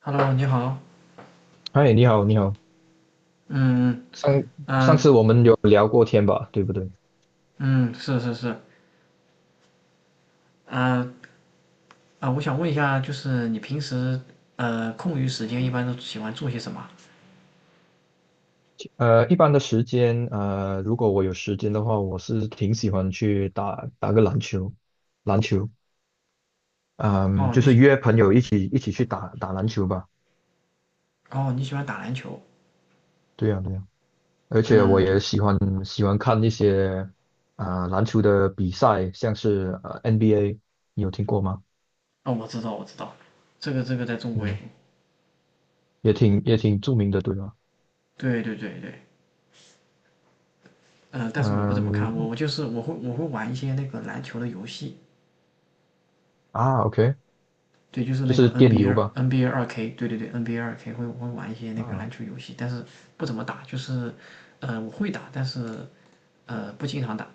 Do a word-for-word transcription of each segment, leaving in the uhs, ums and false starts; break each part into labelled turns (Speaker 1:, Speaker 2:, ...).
Speaker 1: Hello，你好。
Speaker 2: 嗨，你好，你好。
Speaker 1: 嗯
Speaker 2: 上上
Speaker 1: 嗯
Speaker 2: 次我们有聊过天吧，对不对？
Speaker 1: 嗯，是是是。啊啊，我想问一下，就是你平时呃空余时间一般都喜欢做些什么？
Speaker 2: 呃，一般的时间，呃，如果我有时间的话，我是挺喜欢去打打个篮球，篮球，嗯，
Speaker 1: 哦，
Speaker 2: 就
Speaker 1: 你
Speaker 2: 是
Speaker 1: 喜
Speaker 2: 约朋友一起一起去打打篮球吧。
Speaker 1: 哦你喜欢打篮球。
Speaker 2: 对呀，对呀。而且我也
Speaker 1: 嗯，
Speaker 2: 喜欢喜欢看一些啊、篮球的比赛，像是呃 N B A，你有听过吗？
Speaker 1: 哦，我知道我知道，这个这个在中国也很。
Speaker 2: 嗯，也挺也挺著名的，对吗？
Speaker 1: 对对对对。嗯、但是我不怎么看，我
Speaker 2: 嗯
Speaker 1: 我就是我会我会玩一些那个篮球的游戏。
Speaker 2: 啊，OK，
Speaker 1: 对，就是
Speaker 2: 就
Speaker 1: 那个
Speaker 2: 是电游
Speaker 1: N B A
Speaker 2: 吧。
Speaker 1: N B A 二 K，对对对，N B A 二 K 会会玩一些那个
Speaker 2: 啊，
Speaker 1: 篮球游戏，但是不怎么打，就是呃我会打，但是呃不经常打，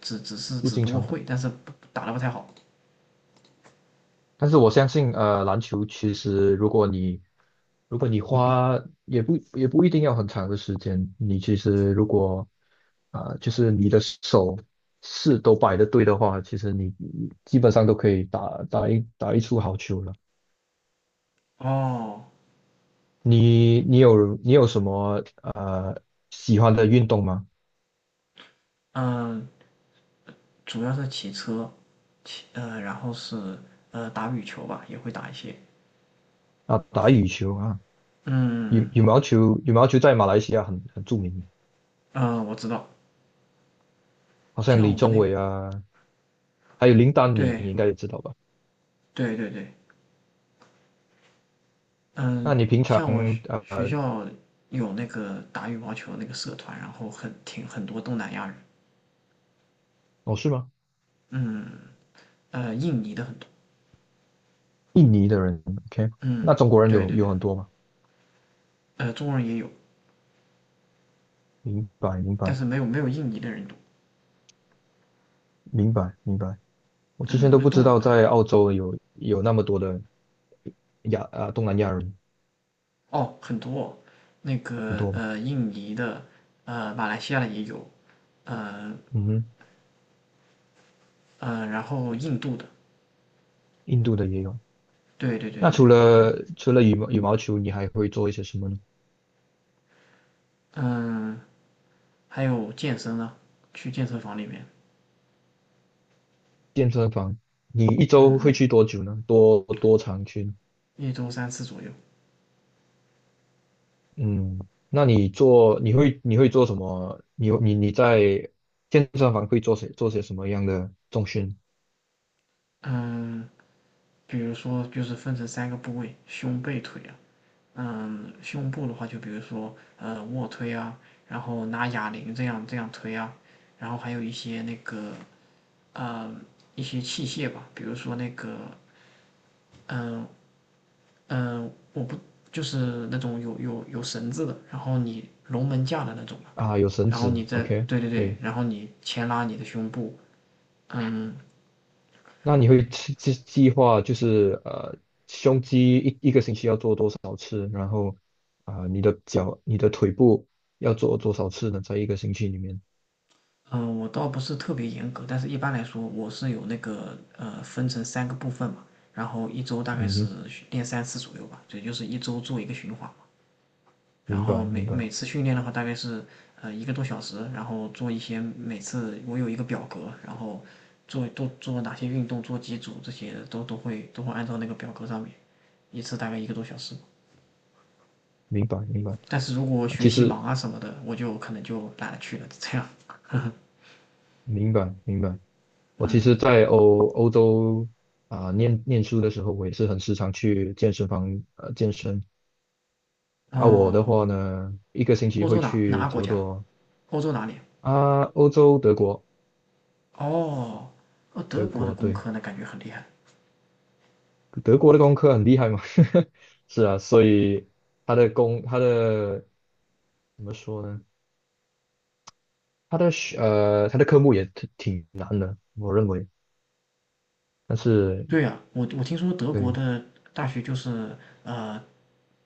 Speaker 1: 只只是
Speaker 2: 不
Speaker 1: 只
Speaker 2: 经
Speaker 1: 不过
Speaker 2: 常打。
Speaker 1: 会，但是打的不太好。
Speaker 2: 但是我相信，呃，篮球其实如果你如果你花也不也不一定要很长的时间，你其实如果啊、呃就是你的手势都摆的对的话，其实你你基本上都可以打打一打一出好球了。
Speaker 1: 哦。
Speaker 2: 你你有你有什么呃喜欢的运动吗？
Speaker 1: 嗯，主要是骑车，骑呃然后是呃打羽球吧，也会打一些。
Speaker 2: 啊，打羽球啊。羽
Speaker 1: 嗯
Speaker 2: 羽毛球羽毛球在马来西亚很很著名，
Speaker 1: 嗯，呃我知道，
Speaker 2: 好像
Speaker 1: 像
Speaker 2: 李
Speaker 1: 我们
Speaker 2: 宗
Speaker 1: 那。
Speaker 2: 伟啊，还有林丹，你，
Speaker 1: 对
Speaker 2: 你应该也知道吧？
Speaker 1: 对对对。
Speaker 2: 那
Speaker 1: 嗯，
Speaker 2: 你平常？
Speaker 1: 像我学学
Speaker 2: 呃？
Speaker 1: 校有那个打羽毛球那个社团，然后很挺很多东南亚人，
Speaker 2: 哦，是吗？
Speaker 1: 嗯，呃，印尼的很多，
Speaker 2: 印尼的人，OK，那
Speaker 1: 嗯，
Speaker 2: 中国人
Speaker 1: 对
Speaker 2: 有
Speaker 1: 对对，
Speaker 2: 有很多吗？
Speaker 1: 呃，中国人也有，
Speaker 2: 明白，明
Speaker 1: 但
Speaker 2: 白，
Speaker 1: 是没有没有印尼的人多，
Speaker 2: 明白，明白。我之前
Speaker 1: 嗯，
Speaker 2: 都
Speaker 1: 那
Speaker 2: 不知
Speaker 1: 东
Speaker 2: 道
Speaker 1: 呃
Speaker 2: 在澳洲有有那么多的亚啊东南亚人。
Speaker 1: 哦很多，那
Speaker 2: 很
Speaker 1: 个
Speaker 2: 多吧？
Speaker 1: 呃印尼的，呃马来西亚的也有，呃
Speaker 2: 嗯哼。
Speaker 1: 呃，然后印度的，
Speaker 2: 印度的也有。
Speaker 1: 对对对
Speaker 2: 那
Speaker 1: 对
Speaker 2: 除
Speaker 1: 对，
Speaker 2: 了除了羽毛羽毛球，你还会做一些什么呢？
Speaker 1: 嗯，还有健身呢，去健身房里面，
Speaker 2: 健身房，你一
Speaker 1: 嗯
Speaker 2: 周会
Speaker 1: 嗯，
Speaker 2: 去多久呢？多多长去呢？
Speaker 1: 一周三次左右。
Speaker 2: 嗯，那你做你会你会做什么？你你你在健身房会做些做些什么样的重训？
Speaker 1: 嗯，比如说就是分成三个部位，胸、背、腿啊。嗯，胸部的话，就比如说呃卧推啊，然后拿哑铃这样这样推啊，然后还有一些那个呃一些器械吧，比如说那个嗯嗯、我不就是那种有有有绳子的，然后你龙门架的那种嘛，
Speaker 2: 啊？有绳
Speaker 1: 然后
Speaker 2: 子
Speaker 1: 你再。
Speaker 2: ，OK，
Speaker 1: 对对
Speaker 2: 可
Speaker 1: 对。
Speaker 2: 以。
Speaker 1: 然后你牵拉你的胸部。嗯，
Speaker 2: 那你会计计计划就是，呃，胸肌一一个星期要做多少次，然后啊、你的脚、你的腿部要做多少次呢？在一个星期里面。
Speaker 1: 嗯、呃我倒不是特别严格，但是一般来说，我是有那个呃分成三个部分嘛，然后一周大概
Speaker 2: 嗯
Speaker 1: 是
Speaker 2: 哼，
Speaker 1: 训练三次左右吧，也就是一周做一个循环，然
Speaker 2: 明
Speaker 1: 后
Speaker 2: 白，明
Speaker 1: 每
Speaker 2: 白，
Speaker 1: 每次训练的话大概是呃一个多小时，然后做一些每次我有一个表格，然后做都做哪些运动，做几组，这些都都会都会按照那个表格上面，一次大概一个多小时。
Speaker 2: 明白，明白。
Speaker 1: 但是如果我
Speaker 2: 啊，其
Speaker 1: 学习
Speaker 2: 实
Speaker 1: 忙啊什么的，我就可能就懒得去了，这样。
Speaker 2: 明白，明白。我其实，在欧欧洲啊、念念书的时候，我也是很时常去健身房呃健身。啊，我的话
Speaker 1: 哦，
Speaker 2: 呢，一个星期
Speaker 1: 欧
Speaker 2: 会
Speaker 1: 洲哪哪
Speaker 2: 去
Speaker 1: 个国
Speaker 2: 差不
Speaker 1: 家？
Speaker 2: 多。
Speaker 1: 欧洲哪里？
Speaker 2: 啊，欧洲德国。
Speaker 1: 哦，呃，德
Speaker 2: 德
Speaker 1: 国的
Speaker 2: 国
Speaker 1: 工
Speaker 2: 对。
Speaker 1: 科呢，感觉很厉害。
Speaker 2: 德国的工科很厉害嘛。是啊，所以他的工他的怎么说呢？他的学呃他的科目也挺挺难的，我认为。但是
Speaker 1: 对呀，我我听说德国
Speaker 2: 对
Speaker 1: 的大学就是呃，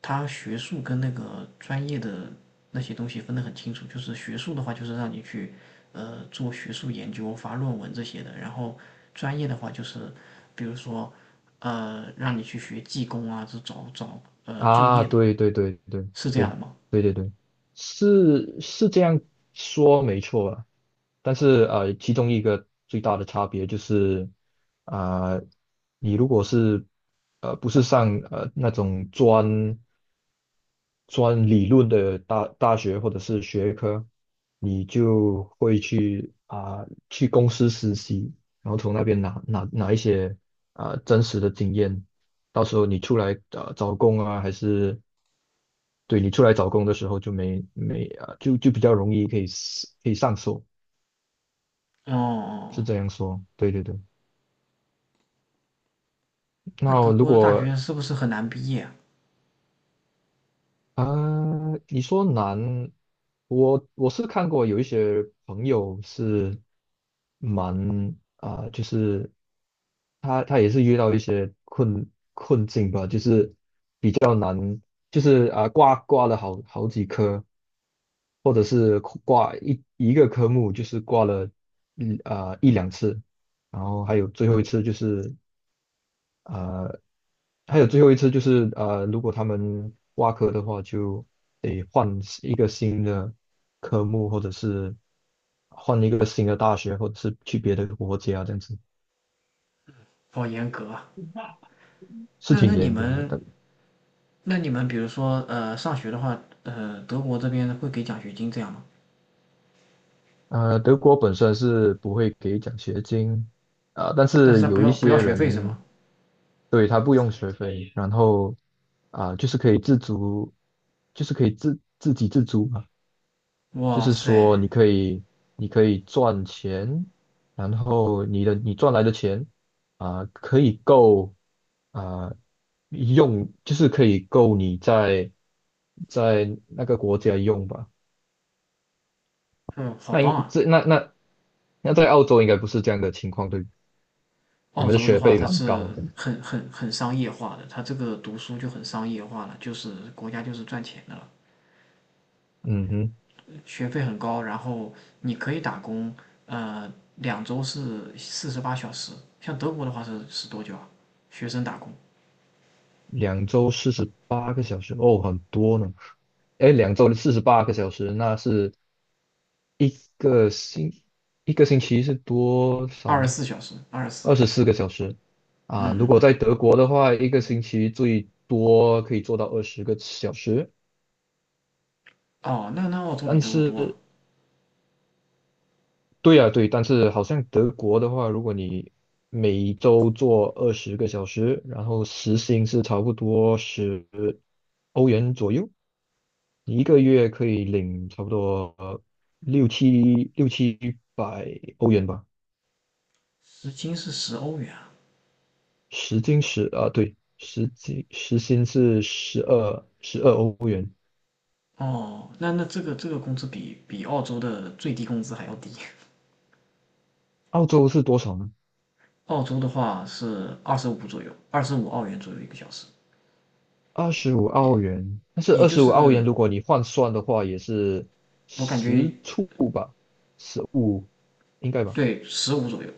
Speaker 1: 它学术跟那个专业的那些东西分得很清楚，就是学术的话就是让你去呃做学术研究、发论文这些的，然后专业的话就是比如说呃让你去学技工啊，这找找呃就
Speaker 2: 啊，
Speaker 1: 业的，
Speaker 2: 对对对对
Speaker 1: 是这样
Speaker 2: 对
Speaker 1: 的吗？
Speaker 2: 对对对，是是这样说没错啊。但是呃，其中一个最大的差别就是啊、你如果是呃不是上呃那种专专理论的大大学或者是学科，你就会去啊、去公司实习，然后从那边拿拿拿一些啊、真实的经验，到时候你出来呃找工啊，还是对，你出来找工的时候就没没啊、就就比较容易可以 s- 可以上手，
Speaker 1: 哦，哦
Speaker 2: 是这样
Speaker 1: 哦。
Speaker 2: 说，对对对。
Speaker 1: 那
Speaker 2: 那
Speaker 1: 德
Speaker 2: 如
Speaker 1: 国的大
Speaker 2: 果
Speaker 1: 学是不是很难毕业啊？
Speaker 2: 啊，你说难，我我是看过有一些朋友是蛮啊、就是他他也是遇到一些困困境吧，就是比较难，就是啊、挂挂了好好几科，或者是挂一一个科目就是挂了一啊、一两次。然后还有最后一次就是呃，还有最后一次就是呃，如果他们挖科的话，就得换一个新的科目，或者是换一个新的大学，或者是去别的国家，这样子。
Speaker 1: 好严格啊！
Speaker 2: 是
Speaker 1: 那那
Speaker 2: 挺
Speaker 1: 你
Speaker 2: 严格的。
Speaker 1: 们
Speaker 2: 但
Speaker 1: 那你们比如说呃上学的话，呃德国这边会给奖学金这样吗？
Speaker 2: 呃，德国本身是不会给奖学金，呃，但
Speaker 1: 但是
Speaker 2: 是
Speaker 1: 他不
Speaker 2: 有一
Speaker 1: 要不要
Speaker 2: 些
Speaker 1: 学费是吗？
Speaker 2: 人。对，他不用学费，然后啊、就是可以自足，就是可以自自给自足嘛。就
Speaker 1: 哇
Speaker 2: 是说
Speaker 1: 塞，
Speaker 2: 你可以你可以赚钱，然后你的你赚来的钱啊、可以够啊、用，就是可以够你在在那个国家用吧。
Speaker 1: 嗯，好
Speaker 2: 那
Speaker 1: 棒
Speaker 2: 应
Speaker 1: 啊！
Speaker 2: 这那那那在澳洲应该不是这样的情况，对不对？你
Speaker 1: 澳
Speaker 2: 们的
Speaker 1: 洲的
Speaker 2: 学
Speaker 1: 话，
Speaker 2: 费
Speaker 1: 它
Speaker 2: 蛮高
Speaker 1: 是
Speaker 2: 的。
Speaker 1: 很很很商业化的，它这个读书就很商业化了，就是国家就是赚钱的了，
Speaker 2: 嗯哼。
Speaker 1: 学费很高，然后你可以打工，呃，两周是四十八小时，像德国的话是是多久啊？学生打工
Speaker 2: 两周四十八个小时，哦，很多呢。哎，两周四十八个小时，那是一个星一个星期是多少
Speaker 1: 二十
Speaker 2: 呢？
Speaker 1: 四小时，二十
Speaker 2: 二
Speaker 1: 四，
Speaker 2: 十四个小时
Speaker 1: 嗯
Speaker 2: 啊。如
Speaker 1: 嗯
Speaker 2: 果
Speaker 1: 嗯，
Speaker 2: 在德国的话，一个星期最多可以做到二十个小时。
Speaker 1: 哦，那那澳洲比
Speaker 2: 但
Speaker 1: 德国多啊，
Speaker 2: 是对呀，对，但是好像德国的话，如果你每周做二十个小时，然后时薪是差不多十欧元左右。你一个月可以领差不多呃六七六七百欧元吧。
Speaker 1: 时薪是十欧元啊，
Speaker 2: 时薪十啊，对，时薪时薪是十二十二欧元。
Speaker 1: 哦，那那这个这个工资比比澳洲的最低工资还要低。
Speaker 2: 澳洲是多少呢？
Speaker 1: 澳洲的话是二十五左右，二十五澳元左右一个小时，
Speaker 2: 二十五澳元。但是
Speaker 1: 也
Speaker 2: 二
Speaker 1: 就
Speaker 2: 十五澳元，
Speaker 1: 是
Speaker 2: 如果你换算的话，也是
Speaker 1: 我感觉，
Speaker 2: 十处吧，十五应该吧。
Speaker 1: 对，十五左右，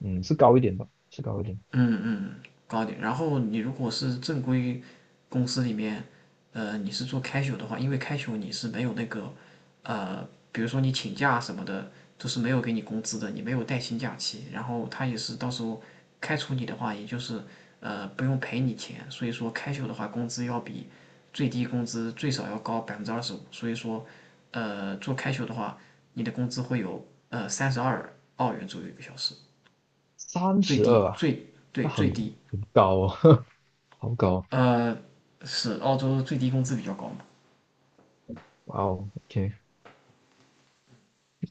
Speaker 2: 嗯，是高一点吧，是高一点。
Speaker 1: 嗯嗯，高点。然后你如果是正规公司里面，呃，你是做开 a 的话，因为开 a 你是没有那个，呃，比如说你请假什么的，都是没有给你工资的，你没有带薪假期。然后他也是到时候开除你的话，也就是呃不用赔你钱。所以说开 a 的话，工资要比最低工资最少要高百分之二十五。所以说，呃，做开 a 的话，你的工资会有呃三十二澳元左右一个小时，
Speaker 2: 三
Speaker 1: 最
Speaker 2: 十
Speaker 1: 低
Speaker 2: 二啊。
Speaker 1: 最
Speaker 2: 那
Speaker 1: 对，最
Speaker 2: 很
Speaker 1: 低。
Speaker 2: 很高哦。好高哦。
Speaker 1: 呃，是澳洲最低工资比较高嘛？
Speaker 2: 哇哦，OK。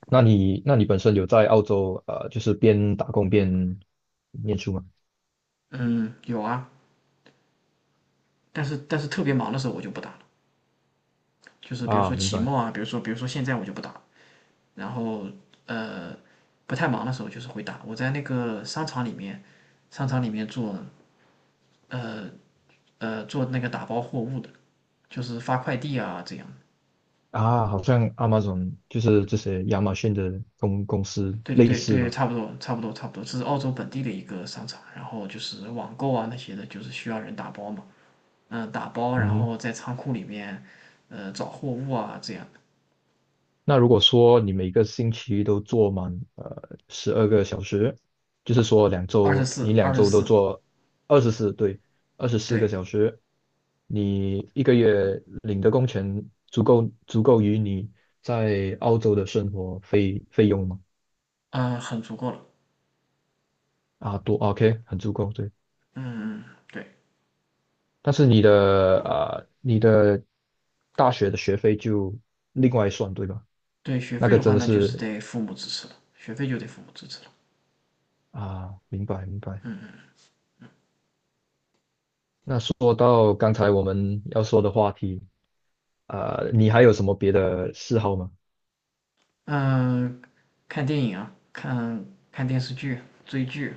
Speaker 2: 那你那你本身有在澳洲，呃，就是边打工边念书吗？
Speaker 1: 嗯，有啊，但是但是特别忙的时候我就不打了，就是比如
Speaker 2: 啊，
Speaker 1: 说
Speaker 2: 明
Speaker 1: 期
Speaker 2: 白。
Speaker 1: 末啊，比如说比如说现在我就不打，然后呃，不太忙的时候就是会打。我在那个商场里面，商场里面做呃呃做那个打包货物的，就是发快递啊这样。
Speaker 2: 啊，好像 Amazon 就是这些亚马逊的公公司
Speaker 1: 对对
Speaker 2: 类
Speaker 1: 对
Speaker 2: 似
Speaker 1: 对，
Speaker 2: 吧。
Speaker 1: 差不多差不多差不多，这是澳洲本地的一个商场，然后就是网购啊那些的，就是需要人打包嘛，嗯，打包然
Speaker 2: 嗯。
Speaker 1: 后在仓库里面，呃，找货物啊这样，
Speaker 2: 那如果说你每个星期都做满呃十二个小时，就是说两
Speaker 1: 二十
Speaker 2: 周你
Speaker 1: 四
Speaker 2: 两
Speaker 1: 二十
Speaker 2: 周都
Speaker 1: 四，
Speaker 2: 做二十四，对，二十四个
Speaker 1: 对，
Speaker 2: 小时，你一个月领的工钱足够足够于你在澳洲的生活费费用吗？
Speaker 1: 嗯，很足够了，
Speaker 2: 啊，多 OK，很足够，对。
Speaker 1: 嗯嗯，对
Speaker 2: 但是你的呃你的大学的学费就另外算，对吧？
Speaker 1: 对，学
Speaker 2: 那
Speaker 1: 费
Speaker 2: 个
Speaker 1: 的
Speaker 2: 真
Speaker 1: 话
Speaker 2: 的
Speaker 1: 那就是
Speaker 2: 是。
Speaker 1: 得父母支持了，学费就得父母支持了。
Speaker 2: 啊，明白明白。那说到刚才我们要说的话题，啊、你还有什么别的嗜好吗？
Speaker 1: 嗯，看电影啊，看看电视剧，追剧，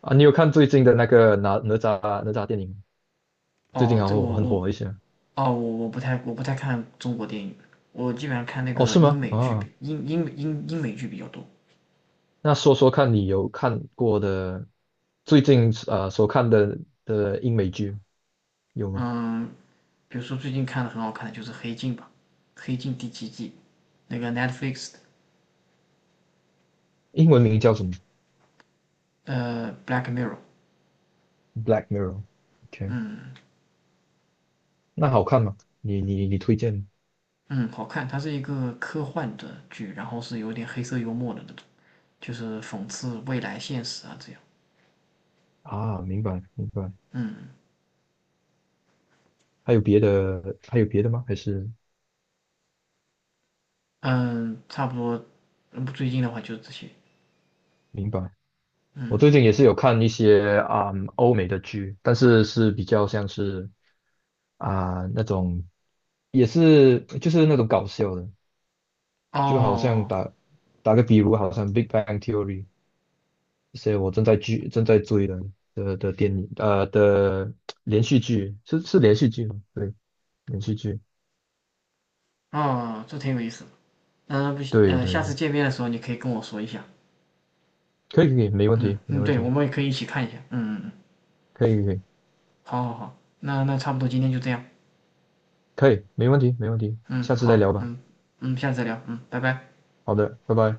Speaker 2: 啊，你有看最近的那个哪哪吒哪吒电影吗？最近
Speaker 1: 哦，
Speaker 2: 好
Speaker 1: 这
Speaker 2: 火，
Speaker 1: 我
Speaker 2: 很
Speaker 1: 我，
Speaker 2: 火一些。
Speaker 1: 哦，我我不太我不太看中国电影，我基本上看那
Speaker 2: 哦，
Speaker 1: 个
Speaker 2: 是
Speaker 1: 英
Speaker 2: 吗？
Speaker 1: 美剧比
Speaker 2: 啊，
Speaker 1: 英英英英美剧比较多。
Speaker 2: 那说说看你有看过的最近呃所看的的英美剧有吗？
Speaker 1: 嗯，比如说最近看的很好看的就是《黑镜》吧，《黑镜》第七季，那个 Netflix
Speaker 2: 英文名叫什么
Speaker 1: 的呃《Black Mirror》。
Speaker 2: ？Black Mirror。OK，
Speaker 1: 嗯
Speaker 2: 那好看吗？你你你推荐
Speaker 1: 嗯，好看，它是一个科幻的剧，然后是有点黑色幽默的那种，就是讽刺未来现实啊这样。
Speaker 2: 啊？明白明白。
Speaker 1: 嗯
Speaker 2: 还有别的还有别的吗？还是
Speaker 1: 嗯，差不多，嗯最近的话就是这些。
Speaker 2: 明白？我最
Speaker 1: 嗯。
Speaker 2: 近也是有看一些啊、嗯欧美的剧，但是是比较像是啊、那种，也是就是那种搞笑的，就好像
Speaker 1: 哦。
Speaker 2: 打打个比如，好像《Big Bang Theory》这些我正在剧正在追的的的电影呃的连续剧。是是连续剧吗？对，连续剧，
Speaker 1: 哦，这挺有意思的。嗯、不行，
Speaker 2: 对
Speaker 1: 呃，
Speaker 2: 对
Speaker 1: 下次
Speaker 2: 对，
Speaker 1: 见面的时候你可以跟我说一下。
Speaker 2: 可以可以，没问
Speaker 1: 嗯
Speaker 2: 题没
Speaker 1: 嗯，
Speaker 2: 问
Speaker 1: 对，我
Speaker 2: 题。
Speaker 1: 们也可以一起看一下。嗯嗯嗯，
Speaker 2: 可以可以
Speaker 1: 好好好，那那差不多今天就这样。
Speaker 2: 可以，没问题没问题。
Speaker 1: 嗯，
Speaker 2: 下次再
Speaker 1: 好，
Speaker 2: 聊吧。
Speaker 1: 嗯嗯，下次再聊。嗯，拜拜。
Speaker 2: 好的，拜拜。